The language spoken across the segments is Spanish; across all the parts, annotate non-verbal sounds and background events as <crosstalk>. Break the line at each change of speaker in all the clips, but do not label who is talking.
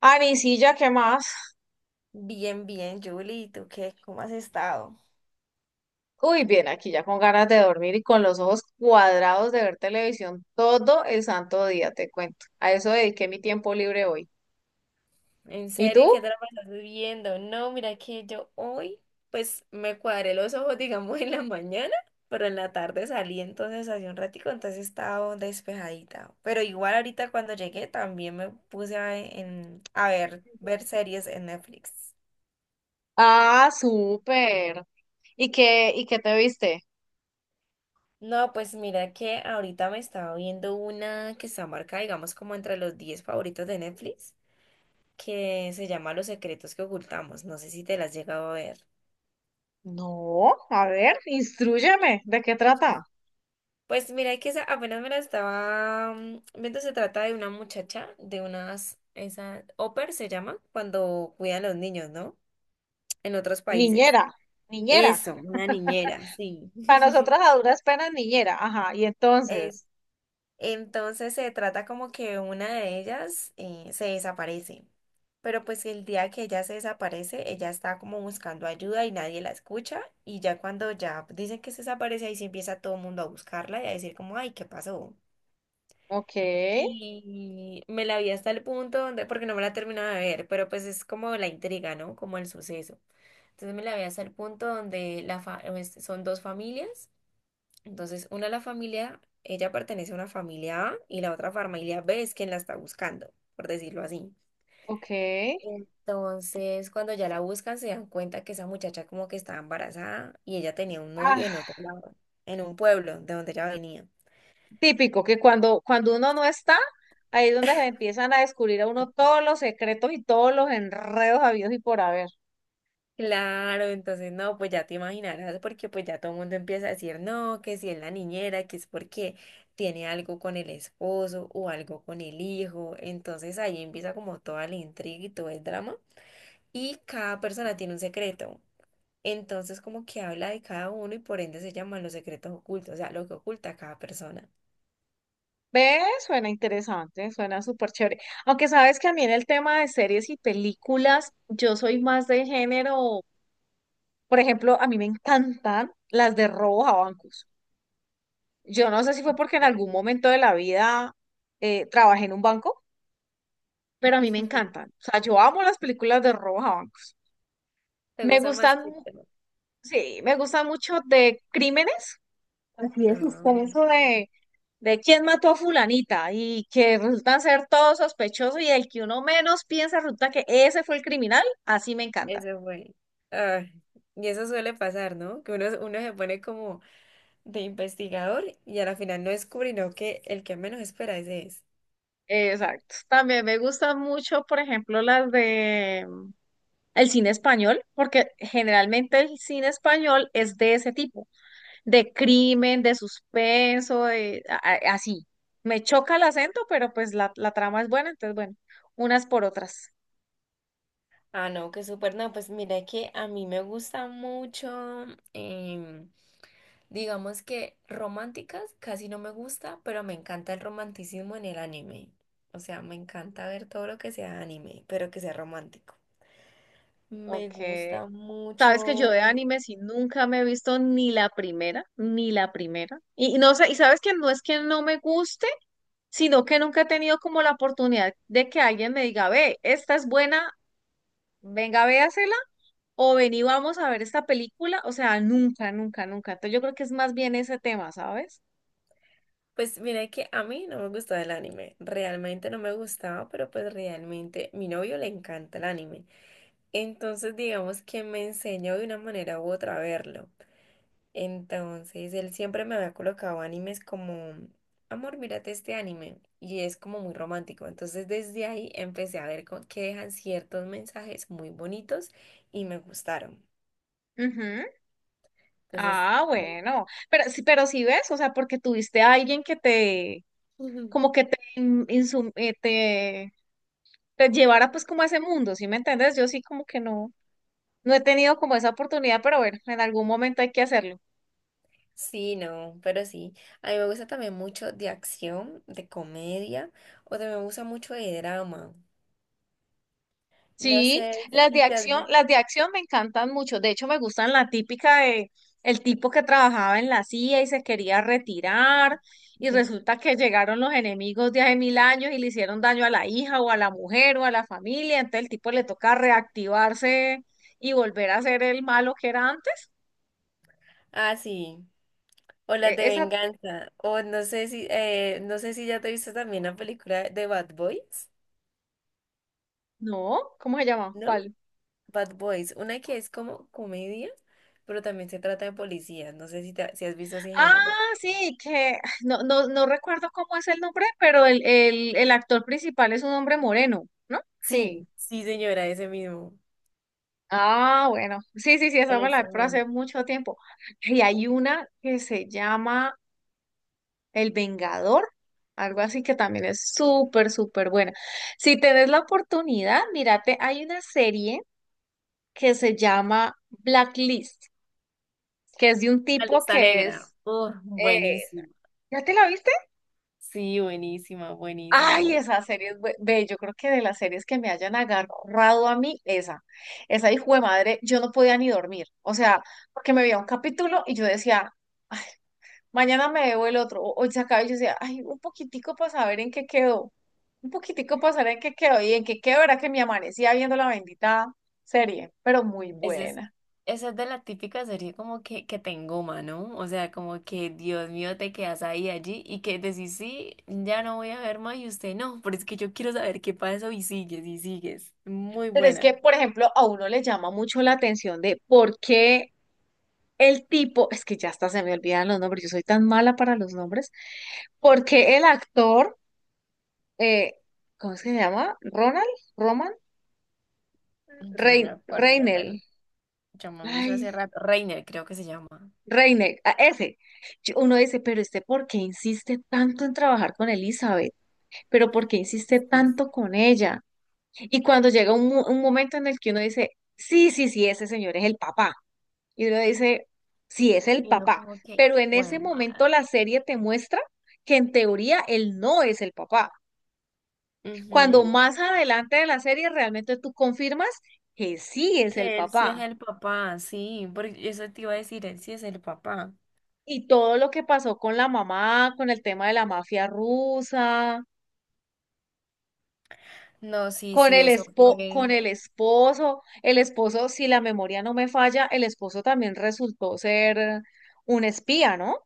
Anisilla, ¿qué más?
Bien, bien, Julie, ¿y tú qué? ¿Cómo has estado?
Uy, bien, aquí ya con ganas de dormir y con los ojos cuadrados de ver televisión todo el santo día, te cuento. A eso dediqué mi tiempo libre hoy.
¿En
¿Y
serio?
tú?
¿Y qué drama estás viendo? No, mira que yo hoy, pues me cuadré los ojos, <laughs> digamos, en la mañana, pero en la tarde salí entonces hace un ratico, entonces estaba despejadita. Pero igual ahorita cuando llegué también me puse a, en, a ver series en Netflix.
Ah, súper. Y qué te viste?
No, pues mira que ahorita me estaba viendo una que está marcada, digamos, como entre los 10 favoritos de Netflix, que se llama Los secretos que ocultamos. No sé si te las has llegado a ver.
No, a ver, instrúyeme, ¿de qué trata?
Pues mira, que esa apenas me la estaba viendo. Se trata de una muchacha, de unas, esa, oper se llama, cuando cuidan a los niños, ¿no? En otros países.
Niñera, niñera.
Eso, una niñera, sí.
Para
<laughs>
nosotras a duras penas, niñera. Ajá, y
Eso.
entonces.
Entonces se trata como que una de ellas se desaparece. Pero pues el día que ella se desaparece, ella está como buscando ayuda y nadie la escucha. Y ya cuando ya dicen que se desaparece, ahí sí empieza todo el mundo a buscarla y a decir como, ay, ¿qué pasó?
Ok,
Y me la vi hasta el punto donde, porque no me la terminaba de ver, pero pues es como la intriga, ¿no? Como el suceso. Entonces me la vi hasta el punto donde son dos familias. Entonces, una la familia, ella pertenece a una familia A y la otra familia B es quien la está buscando, por decirlo así.
ok.
Entonces, cuando ya la buscan, se dan cuenta que esa muchacha como que estaba embarazada y ella tenía un novio en
Ah,
otro lado, en un pueblo de donde ella venía.
típico, que cuando uno no está, ahí es donde se empiezan a descubrir a uno todos los secretos y todos los enredos habidos y por haber.
Claro, entonces no, pues ya te imaginarás, porque pues ya todo el mundo empieza a decir no, que si es la niñera, que es porque tiene algo con el esposo o algo con el hijo. Entonces ahí empieza como toda la intriga y todo el drama, y cada persona tiene un secreto. Entonces, como que habla de cada uno y por ende se llaman los secretos ocultos, o sea, lo que oculta cada persona.
¿Ves? Suena interesante, suena súper chévere. Aunque sabes que a mí en el tema de series y películas, yo soy más de género, por ejemplo, a mí me encantan las de robos a bancos. Yo no sé si fue porque en
Yo.
algún momento de la vida trabajé en un banco, pero a mí me
<laughs>
encantan. O sea, yo amo las películas de robos a bancos.
¿Te
Me
gusta más
gustan
que yo?
sí, me gusta mucho de crímenes, así de
Ah,
suspenso
ok.
de quién mató a fulanita y que resultan ser todos sospechosos y el que uno menos piensa resulta que ese fue el criminal, así me encanta.
Eso fue. Ay, y eso suele pasar, ¿no? Que uno se pone como de investigador y a la final no descubre, no, que el que menos espera ese es.
Exacto. También me gustan mucho, por ejemplo, las de el cine español, porque generalmente el cine español es de ese tipo, de crimen, de suspenso, de así. Me choca el acento, pero pues la trama es buena, entonces bueno, unas por otras.
Ah, no, que súper, no, pues mira que a mí me gusta mucho. Digamos que románticas casi no me gusta, pero me encanta el romanticismo en el anime. O sea, me encanta ver todo lo que sea anime, pero que sea romántico. Me
Ok.
gusta
Sabes que yo de
mucho.
anime sí nunca me he visto ni la primera, ni la primera. Y no sé, y sabes que no es que no me guste, sino que nunca he tenido como la oportunidad de que alguien me diga, ve, esta es buena, venga, véasela, o ven y vamos a ver esta película. O sea, nunca, nunca, nunca. Entonces yo creo que es más bien ese tema, ¿sabes?
Pues mira que a mí no me gustaba el anime. Realmente no me gustaba, pero pues realmente mi novio le encanta el anime. Entonces digamos que me enseñó de una manera u otra a verlo. Entonces, él siempre me había colocado animes como, amor, mírate este anime. Y es como muy romántico. Entonces, desde ahí empecé a que dejan ciertos mensajes muy bonitos y me gustaron.
Ujú.
Entonces,
Ah, bueno. Pero sí ves, o sea, porque tuviste a alguien que te,
ujú.
como que te, te te llevara pues como a ese mundo, ¿sí me entiendes? Yo sí como que no, no he tenido como esa oportunidad, pero bueno, en algún momento hay que hacerlo.
<laughs> Sí, no, pero sí. A mí me gusta también mucho de acción, de comedia, o también me gusta mucho de drama. No
Sí,
sé si te has visto.
las de acción me encantan mucho. De hecho, me gustan la típica de el tipo que trabajaba en la CIA y se quería retirar y
<laughs>
resulta que llegaron los enemigos de hace mil años y le hicieron daño a la hija o a la mujer o a la familia. Entonces el tipo le toca reactivarse y volver a ser el malo que era antes.
Ah, sí. O las de
Esa,
venganza. O no sé si, no sé si ya te viste también la película de Bad Boys,
no, ¿cómo se llama?
¿no?
¿Cuál?
Bad Boys, una que es como comedia, pero también se trata de policías. No sé si, si has visto ese
Ah,
género.
sí, que ah, no, no, no recuerdo cómo es el nombre, pero el actor principal es un hombre moreno, ¿no?
Sí,
Sí.
sí, señora, ese mismo.
Ah, bueno. Sí, sí, sí, esa me la
Ese
por hace
mismo.
mucho tiempo. Y hay una que se llama El Vengador, algo así que también es súper, súper buena. Si tenés la oportunidad, mírate, hay una serie que se llama Blacklist, que es de un
La
tipo
lista
que
negra.
es... eh,
Buenísima.
¿ya te la viste?
Sí, buenísima, buenísima,
Ay,
buenísima.
esa serie es ve, yo creo que de las series que me hayan agarrado a mí, esa hijo de madre, yo no podía ni dormir, o sea, porque me veía un capítulo y yo decía, "Ay, mañana me veo el otro, o hoy se acaba", y yo decía, ay, un poquitico para saber en qué quedó, un poquitico para saber en qué quedó, y en qué quedó era que me amanecía viendo la bendita serie, pero muy
Esa es,
buena.
esa es de la típica serie como que te engoma, ¿no? O sea, como que Dios mío, te quedas ahí allí y que decís, sí, ya no voy a ver más y usted no, pero es que yo quiero saber qué pasó y sigues y sigues. Muy
Pero es que,
buena.
por ejemplo, a uno le llama mucho la atención de por qué el tipo, es que ya hasta se me olvidan los nombres, yo soy tan mala para los nombres, porque el actor, eh, ¿cómo es que se llama? Ronald, Roman,
Yo no me acuerdo, yo me,
Reinel,
yo me hizo hace
ay,
rato. Reiner, creo que se llama.
Reinel, a ese. Uno dice, pero este, ¿por qué insiste tanto en trabajar con Elizabeth? ¿Pero por qué insiste
Sí,
tanto
sí.
con ella? Y cuando llega un momento en el que uno dice, sí, sí, sí, ese señor es el papá. Y uno dice, sí, es el
Y no
papá,
como que,
pero en
bueno,
ese momento
madre.
la serie te muestra que en teoría él no es el papá. Cuando
Ujú.
más adelante de la serie realmente tú confirmas que sí es el
Que él sí es
papá.
el papá, sí, porque eso te iba a decir, él sí es el papá.
Y todo lo que pasó con la mamá, con el tema de la mafia rusa,
No, sí,
con
sí, eso
con
fue.
el esposo, si la memoria no me falla, el esposo también resultó ser un espía, ¿no?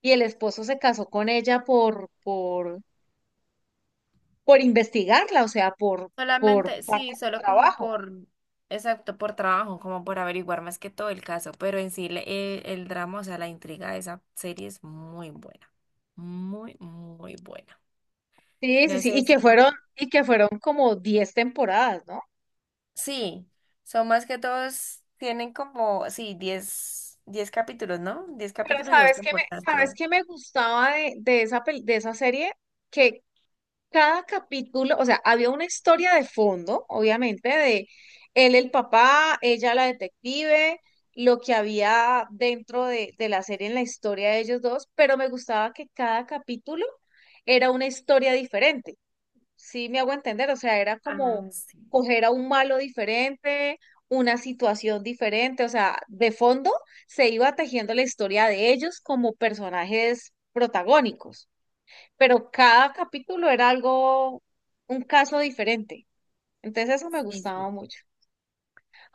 Y el esposo se casó con ella por investigarla, o sea, por
Solamente,
parte
sí,
de
solo
su
como
trabajo.
por, exacto, por trabajo, como por averiguar más que todo el caso, pero en sí el drama, o sea, la intriga de esa serie es muy buena, muy, muy buena.
Sí, sí,
No
sí,
sé si,
y que fueron como 10 temporadas, ¿no?
sí, son más que todos, tienen como, sí, diez capítulos, ¿no? 10
Pero
capítulos y dos temporadas,
sabes
creo.
qué me gustaba de esa, de esa serie, que cada capítulo, o sea, había una historia de fondo, obviamente, de él el papá, ella la detective, lo que había dentro de la serie en la historia de ellos dos, pero me gustaba que cada capítulo era una historia diferente. Sí, me hago entender, o sea, era como
Ah, sí,
coger a un malo diferente, una situación diferente, o sea, de fondo se iba tejiendo la historia de ellos como personajes protagónicos, pero cada capítulo era algo, un caso diferente. Entonces eso me
sí,
gustaba
sí.
mucho.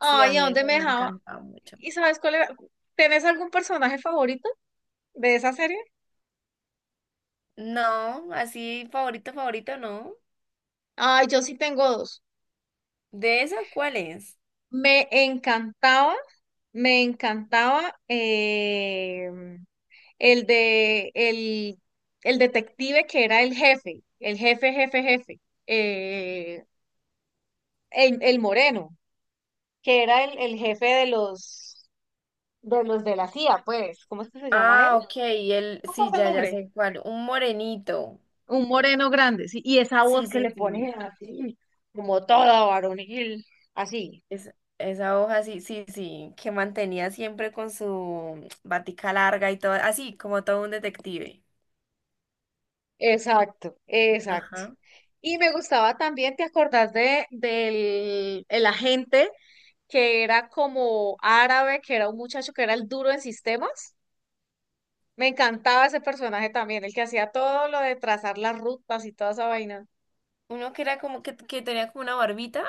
Sí, a
¿a
mí
dónde
esa
me
me ha
dejaba?
encantado mucho.
¿Y sabes cuál era? ¿Tenés algún personaje favorito de esa serie?
No, así favorito, favorito, no.
Ay, yo sí tengo dos.
¿De esa cuál es?
Me encantaba, me encantaba el de el detective que era el jefe, jefe, eh, el moreno, que era el jefe de los de la CIA, pues, ¿cómo es que se llama él?
Ah, ok, y él,
No me
sí,
acuerdo el
ya, ya
nombre.
sé cuál, un morenito.
Un moreno grande, sí, y esa voz
Sí,
que
sí,
le
sí.
ponen así, como toda varonil, así.
Esa hoja, sí, sí, sí, que mantenía siempre con su batica larga y todo, así como todo un detective.
Exacto, exacto.
Ajá.
Y me gustaba también, ¿te acordás de, del el agente que era como árabe, que era un muchacho que era el duro en sistemas? Me encantaba ese personaje también, el que hacía todo lo de trazar las rutas y toda esa vaina.
Uno que era como que tenía como una barbita,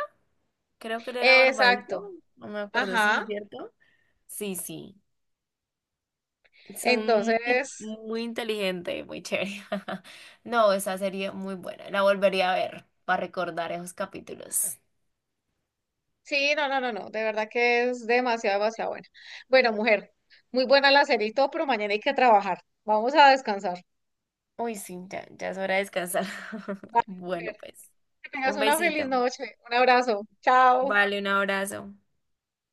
creo que él era
Exacto,
barbadito, no me acuerdo,
ajá.
sí, ¿cierto? Sí, sí. Son muy,
Entonces,
muy inteligentes, muy chévere. <laughs> No, esa serie muy buena, la volvería a ver para recordar esos capítulos.
sí, no, no, no, no, de verdad que es demasiado, demasiado buena. Bueno, mujer, muy buena la serie y todo, pero mañana hay que trabajar. Vamos a descansar.
Uy, sí, ya, ya es hora de descansar. <laughs>
Vale, mujer,
Bueno, pues,
que tengas
un
una feliz
besito.
noche. Un abrazo. Chao.
Vale, un abrazo.